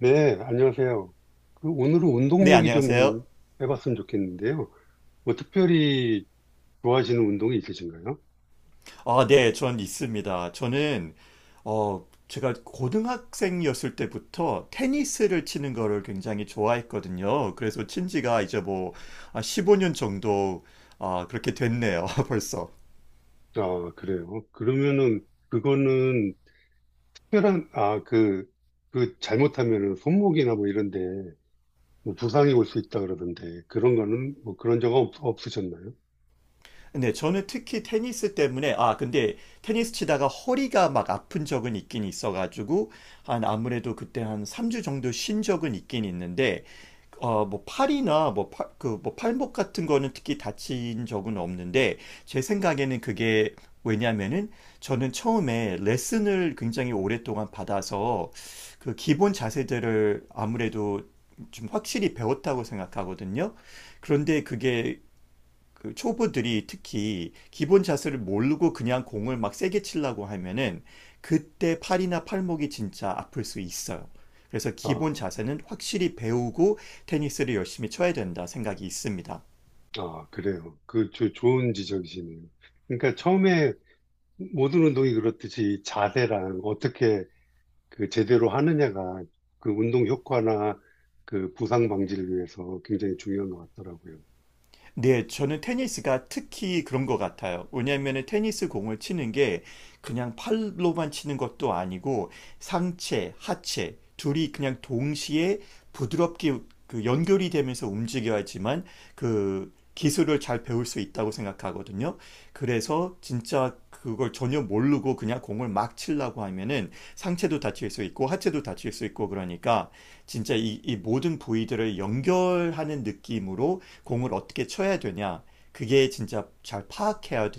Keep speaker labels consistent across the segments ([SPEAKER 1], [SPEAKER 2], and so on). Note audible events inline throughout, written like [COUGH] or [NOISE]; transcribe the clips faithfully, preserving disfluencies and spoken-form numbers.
[SPEAKER 1] 네, 안녕하세요. 그 오늘은 운동
[SPEAKER 2] 네,
[SPEAKER 1] 얘기 좀
[SPEAKER 2] 안녕하세요.
[SPEAKER 1] 해봤으면 좋겠는데요. 뭐 특별히 좋아하시는 운동이 있으신가요?
[SPEAKER 2] 아, 네, 전 있습니다. 저는, 어, 제가 고등학생이었을 때부터 테니스를 치는 거를 굉장히 좋아했거든요. 그래서 친 지가 이제 뭐, 십오 년 정도, 아, 그렇게 됐네요, [LAUGHS] 벌써.
[SPEAKER 1] 아, 그래요. 그러면은 그거는 특별한, 아, 그, 그 잘못하면은 손목이나 뭐 이런 데뭐 부상이 올 수 있다 그러던데 그런 거는 뭐 그런 적 없, 없으셨나요?
[SPEAKER 2] 네, 저는 특히 테니스 때문에, 아, 근데 테니스 치다가 허리가 막 아픈 적은 있긴 있어가지고, 한 아무래도 그때 한 삼 주 정도 쉰 적은 있긴 있는데, 어, 뭐 팔이나 뭐 팔, 그, 뭐 팔목 같은 거는 특히 다친 적은 없는데, 제 생각에는 그게 왜냐면은 저는 처음에 레슨을 굉장히 오랫동안 받아서 그 기본 자세들을 아무래도 좀 확실히 배웠다고 생각하거든요. 그런데 그게 그 초보들이 특히 기본 자세를 모르고 그냥 공을 막 세게 치려고 하면은 그때 팔이나 팔목이 진짜 아플 수 있어요. 그래서 기본
[SPEAKER 1] 아,
[SPEAKER 2] 자세는 확실히 배우고 테니스를 열심히 쳐야 된다 생각이 있습니다.
[SPEAKER 1] 아, 그래요. 그 조- 좋은 지적이시네요. 그러니까 처음에 모든 운동이 그렇듯이 자세랑 어떻게 그 제대로 하느냐가 그 운동 효과나 그 부상 방지를 위해서 굉장히 중요한 것 같더라고요.
[SPEAKER 2] 네, 저는 테니스가 특히 그런 것 같아요. 왜냐하면 테니스 공을 치는 게 그냥 팔로만 치는 것도 아니고 상체, 하체 둘이 그냥 동시에 부드럽게 그 연결이 되면서 움직여야지만 그 기술을 잘 배울 수 있다고 생각하거든요. 그래서 진짜 그걸 전혀 모르고 그냥 공을 막 치려고 하면은 상체도 다칠 수 있고 하체도 다칠 수 있고 그러니까 진짜 이, 이 모든 부위들을 연결하는 느낌으로 공을 어떻게 쳐야 되냐 그게 진짜 잘 파악해야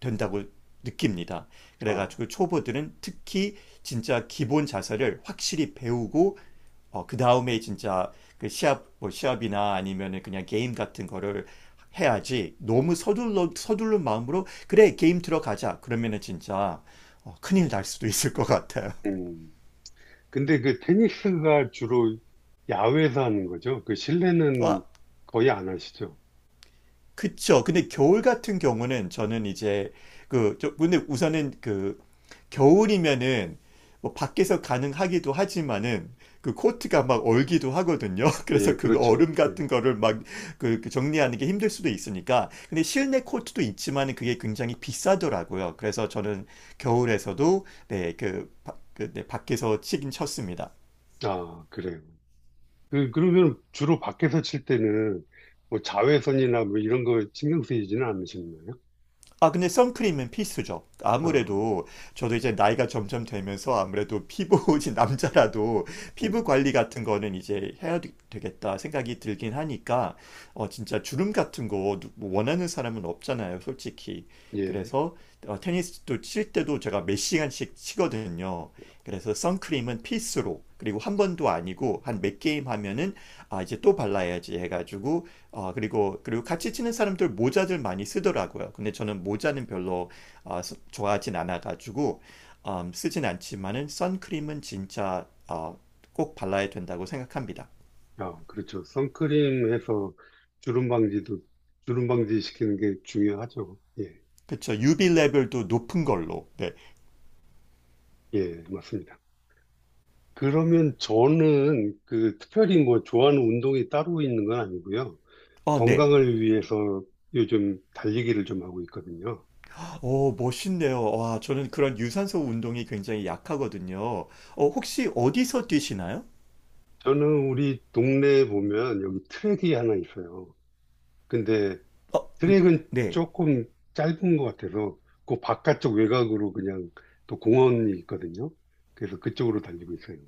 [SPEAKER 2] 된다고 느낍니다.
[SPEAKER 1] 아,
[SPEAKER 2] 그래가지고 초보들은 특히 진짜 기본 자세를 확실히 배우고 어, 그 다음에 진짜 그 시합 뭐 시합이나 아니면은 그냥 게임 같은 거를 해야지 너무 서둘러 서둘른 마음으로 그래 게임 들어가자 그러면은 진짜 어, 큰일 날 수도 있을 것 같아요.
[SPEAKER 1] 음. 근데 그 테니스가 주로 야외에서 하는 거죠? 그
[SPEAKER 2] [LAUGHS]
[SPEAKER 1] 실내는
[SPEAKER 2] 아,
[SPEAKER 1] 거의 안 하시죠?
[SPEAKER 2] 그쵸. 근데 겨울 같은 경우는 저는 이제 그, 저, 근데 우선은 그 겨울이면은 뭐 밖에서 가능하기도 하지만은 그 코트가 막 얼기도 하거든요. [LAUGHS]
[SPEAKER 1] 예,
[SPEAKER 2] 그래서 그
[SPEAKER 1] 그렇죠.
[SPEAKER 2] 얼음
[SPEAKER 1] 예.
[SPEAKER 2] 같은 거를 막 그 정리하는 게 힘들 수도 있으니까. 근데 실내 코트도 있지만은 그게 굉장히 비싸더라고요. 그래서 저는 겨울에서도 네, 그, 바- 그, 네, 밖에서 치긴 쳤습니다.
[SPEAKER 1] 아, 그래요. 그, 그러면 주로 밖에서 칠 때는 뭐 자외선이나 뭐 이런 거 신경 쓰이지는 않으셨나요?
[SPEAKER 2] 아, 근데 선크림은 필수죠.
[SPEAKER 1] 아,
[SPEAKER 2] 아무래도 저도 이제 나이가 점점 되면서 아무래도 피부, 이 [LAUGHS] 남자라도 피부
[SPEAKER 1] 음,
[SPEAKER 2] 관리 같은 거는 이제 해야 되- 되겠다 생각이 들긴 하니까, 어, 진짜 주름 같은 거 누- 뭐 원하는 사람은 없잖아요, 솔직히.
[SPEAKER 1] 예.
[SPEAKER 2] 그래서 어, 테니스도 칠 때도 제가 몇 시간씩 치거든요. 그래서 선크림은 필수로, 그리고 한 번도 아니고 한 몇 게임 하면은 아, 이제 또 발라야지 해가지고 어 그리고, 그리고 같이 치는 사람들 모자들 많이 쓰더라고요. 근데 저는 모자는 별로 어, 서- 좋아하진 않아가지고, 음, 쓰진 않지만은 선크림은 진짜 어, 꼭 발라야 된다고 생각합니다.
[SPEAKER 1] 아, 그렇죠. 선크림 해서 주름 방지도, 주름 방지 시키는 게 중요하죠. 예,
[SPEAKER 2] 그쵸. 유 브이 레벨도 높은 걸로. 네.
[SPEAKER 1] 예, 맞습니다. 그러면 저는 그 특별히 뭐 좋아하는 운동이 따로 있는 건 아니고요.
[SPEAKER 2] 어 네.
[SPEAKER 1] 건강을 위해서 요즘 달리기를 좀 하고 있거든요.
[SPEAKER 2] 오, 멋있네요. 와, 저는 그런 유산소 운동이 굉장히 약하거든요. 어, 혹시 어디서 뛰시나요?
[SPEAKER 1] 저는 우리 동네에 보면 여기 트랙이 하나 있어요. 근데
[SPEAKER 2] 어,
[SPEAKER 1] 트랙은
[SPEAKER 2] 네.
[SPEAKER 1] 조금 짧은 것 같아서 그 바깥쪽 외곽으로 그냥 또 공원이 있거든요. 그래서 그쪽으로 달리고 있어요.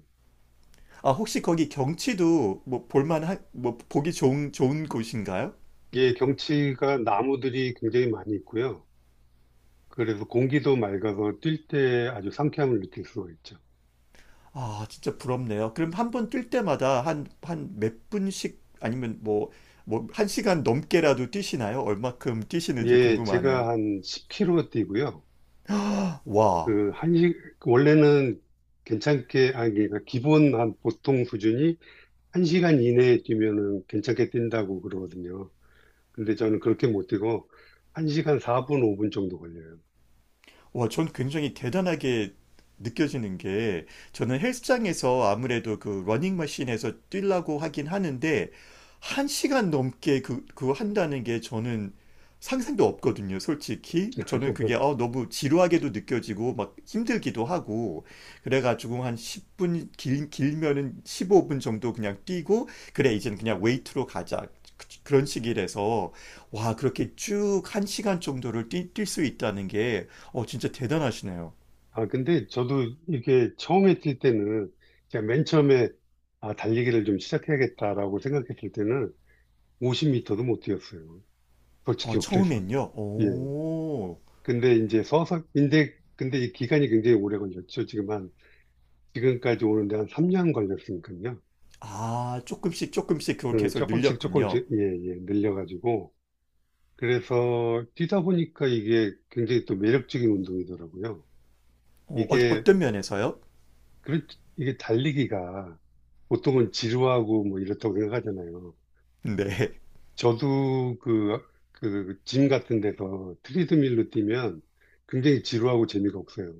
[SPEAKER 2] 아, 혹시 거기 경치도 뭐 볼만한, 뭐 보기 좋은, 좋은 곳인가요?
[SPEAKER 1] 이게 경치가 나무들이 굉장히 많이 있고요. 그래서 공기도 맑아서 뛸 때 아주 상쾌함을 느낄 수가 있죠.
[SPEAKER 2] 아, 진짜 부럽네요. 그럼 한 번 뛸 때마다 한, 한 몇 분씩 아니면 뭐, 뭐, 한 시간 넘게라도 뛰시나요? 얼마큼 뛰시는지
[SPEAKER 1] 예, 제가
[SPEAKER 2] 궁금하네요.
[SPEAKER 1] 한 십 킬로미터 뛰고요.
[SPEAKER 2] 와,
[SPEAKER 1] 그, 한 시, 원래는 괜찮게, 아니, 그러니까 기본 한 보통 수준이 한 시간 이내에 뛰면은 괜찮게 뛴다고 그러거든요. 근데 저는 그렇게 못 뛰고 한 시간 사 분, 오 분 정도 걸려요.
[SPEAKER 2] 와, 전 굉장히 대단하게 느껴지는 게 저는 헬스장에서 아무래도 그 러닝머신에서 뛰려고 하긴 하는데 한 시간 넘게 그, 그거 한다는 게 저는 상상도 없거든요, 솔직히. 저는 그게 어, 너무 지루하게도 느껴지고 막 힘들기도 하고 그래가지고 한 십 분 길, 길면은 십오 분 정도 그냥 뛰고 그래 이제는 그냥 웨이트로 가자. 그런 시기라서 와 그렇게 쭉 한 시간 정도를 뛸 수 있다는 게 어, 진짜 대단하시네요.
[SPEAKER 1] 아, 근데 저도 이게 처음에 뛸 때는 제가 맨 처음에 아, 달리기를 좀 시작해야겠다라고 생각했을 때는 오 영 미터도 못 뛰었어요.
[SPEAKER 2] 어,
[SPEAKER 1] 솔직히 그래서.
[SPEAKER 2] 처음엔요.
[SPEAKER 1] 예.
[SPEAKER 2] 오,
[SPEAKER 1] 근데 이제 서서, 근데, 근데 이 기간이 굉장히 오래 걸렸죠. 지금 한, 지금까지 오는데 한 삼 년 걸렸으니까요.
[SPEAKER 2] 아 조금씩 조금씩 그걸
[SPEAKER 1] 어,
[SPEAKER 2] 계속
[SPEAKER 1] 조금씩
[SPEAKER 2] 늘렸군요.
[SPEAKER 1] 조금씩, 예, 예, 늘려가지고. 그래서 뛰다 보니까 이게 굉장히 또 매력적인 운동이더라고요.
[SPEAKER 2] 어, 어,
[SPEAKER 1] 이게,
[SPEAKER 2] 어떤 면에서요?
[SPEAKER 1] 그, 이게 달리기가 보통은 지루하고 뭐 이렇다고 생각하잖아요.
[SPEAKER 2] 네,
[SPEAKER 1] 저도 그, 그, 그 짐 같은 데서 트리드밀로 뛰면 굉장히 지루하고 재미가 없어요.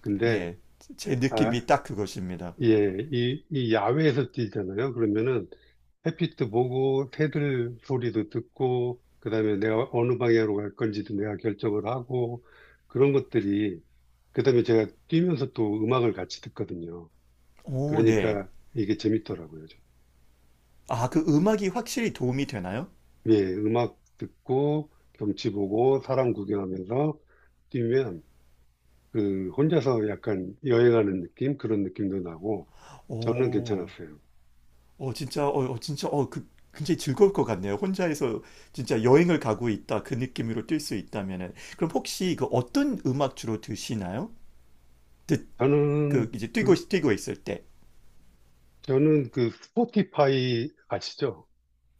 [SPEAKER 1] 근데,
[SPEAKER 2] 네, 제
[SPEAKER 1] 아,
[SPEAKER 2] 느낌이 딱 그것입니다.
[SPEAKER 1] 예, 이, 이 야외에서 뛰잖아요. 그러면은 햇빛도 보고, 새들 소리도 듣고, 그다음에 내가 어느 방향으로 갈 건지도 내가 결정을 하고, 그런 것들이, 그다음에 제가 뛰면서 또 음악을 같이 듣거든요.
[SPEAKER 2] 오, 네.
[SPEAKER 1] 그러니까 이게 재밌더라고요. 좀.
[SPEAKER 2] 아, 그 음악이 확실히 도움이 되나요?
[SPEAKER 1] 예, 음악 듣고, 경치 보고, 사람 구경하면서 뛰면, 그, 혼자서 약간 여행하는 느낌? 그런 느낌도 나고, 저는
[SPEAKER 2] 오.
[SPEAKER 1] 괜찮았어요.
[SPEAKER 2] 어, 진짜, 어, 어, 진짜, 어, 그, 굉장히 즐거울 것 같네요. 혼자서 진짜 여행을 가고 있다. 그 느낌으로 뛸 수 있다면은. 그럼 혹시 그 어떤 음악 주로 드시나요? 듣, 그,
[SPEAKER 1] 저는
[SPEAKER 2] 이제 뛰고,
[SPEAKER 1] 그
[SPEAKER 2] 뛰고 있을 때.
[SPEAKER 1] 저는 그 스포티파이 아시죠?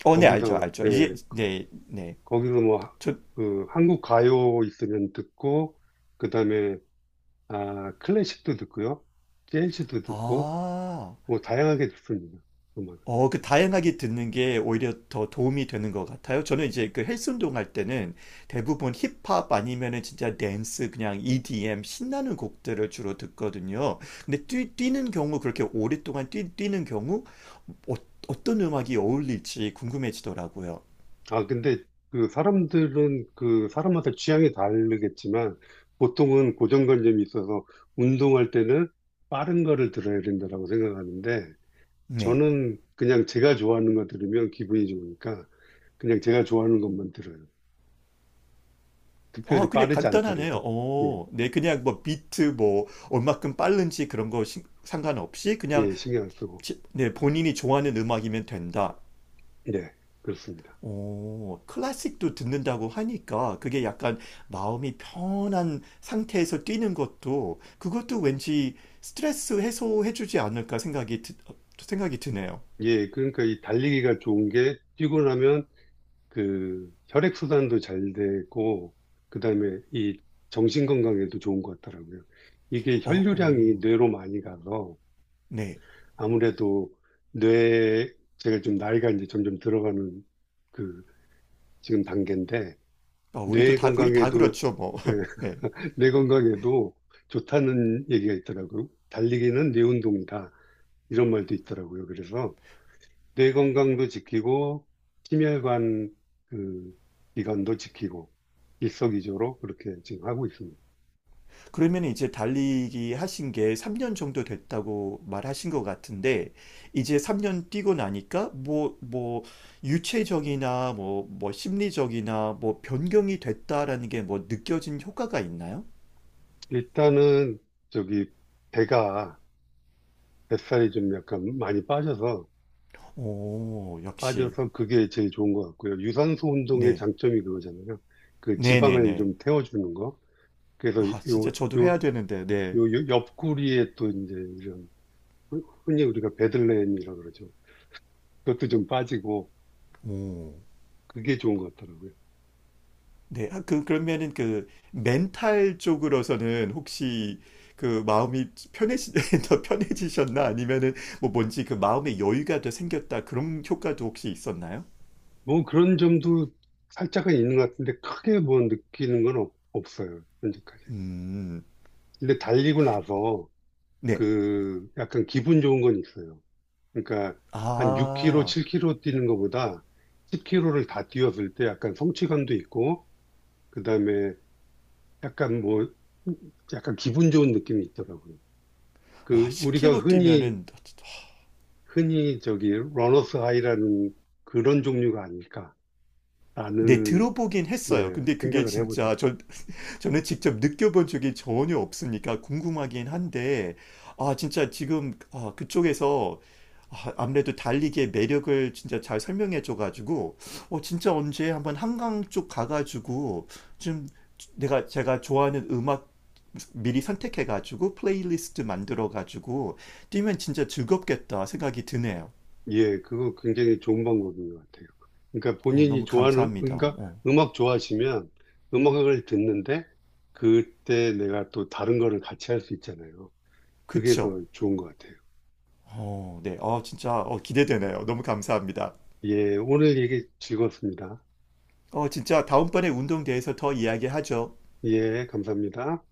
[SPEAKER 2] 어, 네, 알죠,
[SPEAKER 1] 거기서
[SPEAKER 2] 알죠.
[SPEAKER 1] 예,
[SPEAKER 2] 이제, 네, 네.
[SPEAKER 1] 거기서 뭐
[SPEAKER 2] 저,
[SPEAKER 1] 그 한국 가요 있으면 듣고 그다음에 아 클래식도 듣고요. 재즈도 듣고
[SPEAKER 2] 아,
[SPEAKER 1] 뭐 다양하게 듣습니다. 음악.
[SPEAKER 2] 어, 그 다양하게 듣는 게 오히려 더 도움이 되는 것 같아요. 저는 이제 그 헬스 운동할 때는 대부분 힙합 아니면은 진짜 댄스 그냥 이 디 엠 신나는 곡들을 주로 듣거든요. 근데 뛰, 는 경우 그렇게 오랫동안 뛰, 뛰는 경우 어, 어떤 음악이 어울릴지 궁금해지더라고요.
[SPEAKER 1] 아 근데 그 사람들은 그 사람마다 취향이 다르겠지만 보통은 고정관념이 있어서 운동할 때는 빠른 거를 들어야 된다라고 생각하는데
[SPEAKER 2] 네.
[SPEAKER 1] 저는 그냥 제가 좋아하는 거 들으면 기분이 좋으니까 그냥 제가 좋아하는 것만 들어요.
[SPEAKER 2] 아,
[SPEAKER 1] 특별히
[SPEAKER 2] 그냥
[SPEAKER 1] 빠르지
[SPEAKER 2] 간단하네요.
[SPEAKER 1] 않더라도, 예,
[SPEAKER 2] 어, 네, 그냥 뭐 비트 뭐 얼마큼 빠른지 그런 거 신- 상관없이 그냥
[SPEAKER 1] 예, 신경 안 쓰고,
[SPEAKER 2] 지- 네, 본인이 좋아하는 음악이면 된다.
[SPEAKER 1] 네, 그렇습니다.
[SPEAKER 2] 오, 클래식도 듣는다고 하니까 그게 약간 마음이 편한 상태에서 뛰는 것도 그것도 왠지 스트레스 해소해주지 않을까 생각이 드, 어, 생각이 드네요.
[SPEAKER 1] 예, 그러니까 이 달리기가 좋은 게 뛰고 나면 그 혈액순환도 잘 되고, 그 다음에 이 정신 건강에도 좋은 것 같더라고요. 이게
[SPEAKER 2] 어,
[SPEAKER 1] 혈류량이
[SPEAKER 2] 오
[SPEAKER 1] 뇌로 많이 가서
[SPEAKER 2] 네.
[SPEAKER 1] 아무래도 뇌, 제가 좀 나이가 이제 점점 들어가는 그 지금 단계인데,
[SPEAKER 2] 어, 우리도
[SPEAKER 1] 뇌
[SPEAKER 2] 다 우리 다
[SPEAKER 1] 건강에도,
[SPEAKER 2] 그렇죠, 뭐.
[SPEAKER 1] 예,
[SPEAKER 2] [LAUGHS] 네.
[SPEAKER 1] [LAUGHS] 뇌 건강에도 좋다는 얘기가 있더라고요. 달리기는 뇌 운동이다. 이런 말도 있더라고요. 그래서 뇌 건강도 지키고 심혈관 그 기관도 지키고 일석이조로 그렇게 지금 하고 있습니다.
[SPEAKER 2] 그러면 이제 달리기 하신 게 삼 년 정도 됐다고 말하신 것 같은데, 이제 삼 년 뛰고 나니까, 뭐, 뭐, 유체적이나, 뭐, 뭐, 심리적이나, 뭐, 변경이 됐다라는 게 뭐, 느껴진 효과가 있나요?
[SPEAKER 1] 일단은 저기 배가 뱃살이 좀 약간 많이 빠져서
[SPEAKER 2] 오, 역시.
[SPEAKER 1] 빠져서 그게 제일 좋은 것 같고요. 유산소 운동의
[SPEAKER 2] 네.
[SPEAKER 1] 장점이 그거잖아요. 그 지방을
[SPEAKER 2] 네네네.
[SPEAKER 1] 좀 태워주는 거. 그래서
[SPEAKER 2] 아,
[SPEAKER 1] 이- 요,
[SPEAKER 2] 진짜 저도
[SPEAKER 1] 요,
[SPEAKER 2] 해야 되는데, 네.
[SPEAKER 1] 요, 요 옆구리에 또 이제 이런 흔- 흔히 우리가 베들레헴이라고 그러죠. 그것도 좀 빠지고
[SPEAKER 2] 오.
[SPEAKER 1] 그게 좋은 것 같더라고요.
[SPEAKER 2] 네, 아, 그, 그러면은 그 멘탈 쪽으로서는 혹시 그 마음이 편해지, [LAUGHS] 더 편해지셨나? 아니면은 뭐 뭔지 그 마음의 여유가 더 생겼다. 그런 효과도 혹시 있었나요?
[SPEAKER 1] 뭐 그런 점도 살짝은 있는 것 같은데 크게 뭐 느끼는 건 없, 없어요. 현재까지.
[SPEAKER 2] 음,
[SPEAKER 1] 근데 달리고 나서
[SPEAKER 2] 네.
[SPEAKER 1] 그 약간 기분 좋은 건 있어요. 그러니까 한 육 킬로미터,
[SPEAKER 2] 아,
[SPEAKER 1] 칠 킬로미터 뛰는 것보다 십 킬로미터를 다 뛰었을 때 약간 성취감도 있고 그다음에 약간 뭐 약간 기분 좋은 느낌이 있더라고요.
[SPEAKER 2] 와,
[SPEAKER 1] 그 우리가
[SPEAKER 2] 십 킬로미터
[SPEAKER 1] 흔히
[SPEAKER 2] 뛰면은,
[SPEAKER 1] 흔히 저기 러너스 하이라는 그런 종류가
[SPEAKER 2] 네,
[SPEAKER 1] 아닐까라는
[SPEAKER 2] 들어보긴
[SPEAKER 1] 예,
[SPEAKER 2] 했어요. 근데 그게
[SPEAKER 1] 생각을 해보죠.
[SPEAKER 2] 진짜, 저, 저는 직접 느껴본 적이 전혀 없으니까 궁금하긴 한데, 아, 진짜 지금 아, 그쪽에서 아, 아무래도 달리기의 매력을 진짜 잘 설명해 줘가지고, 어, 진짜 언제 한번 한강 쪽 가가지고, 좀 내가 제가 좋아하는 음악 미리 선택해가지고, 플레이리스트 만들어가지고, 뛰면 진짜 즐겁겠다 생각이 드네요.
[SPEAKER 1] 예, 그거 굉장히 좋은 방법인 것 같아요. 그러니까
[SPEAKER 2] 어,
[SPEAKER 1] 본인이
[SPEAKER 2] 너무
[SPEAKER 1] 좋아하는,
[SPEAKER 2] 감사합니다.
[SPEAKER 1] 그러니까
[SPEAKER 2] 어,
[SPEAKER 1] 음악 좋아하시면 음악을 듣는데 그때 내가 또 다른 거를 같이 할 수 있잖아요. 그게
[SPEAKER 2] 그쵸?
[SPEAKER 1] 더 좋은 것 같아요.
[SPEAKER 2] 어, 네. 어, 진짜 어, 기대되네요. 너무 감사합니다.
[SPEAKER 1] 예, 오늘 얘기 즐거웠습니다.
[SPEAKER 2] 어, 진짜 다음번에 운동대에서 더 이야기하죠.
[SPEAKER 1] 예, 감사합니다.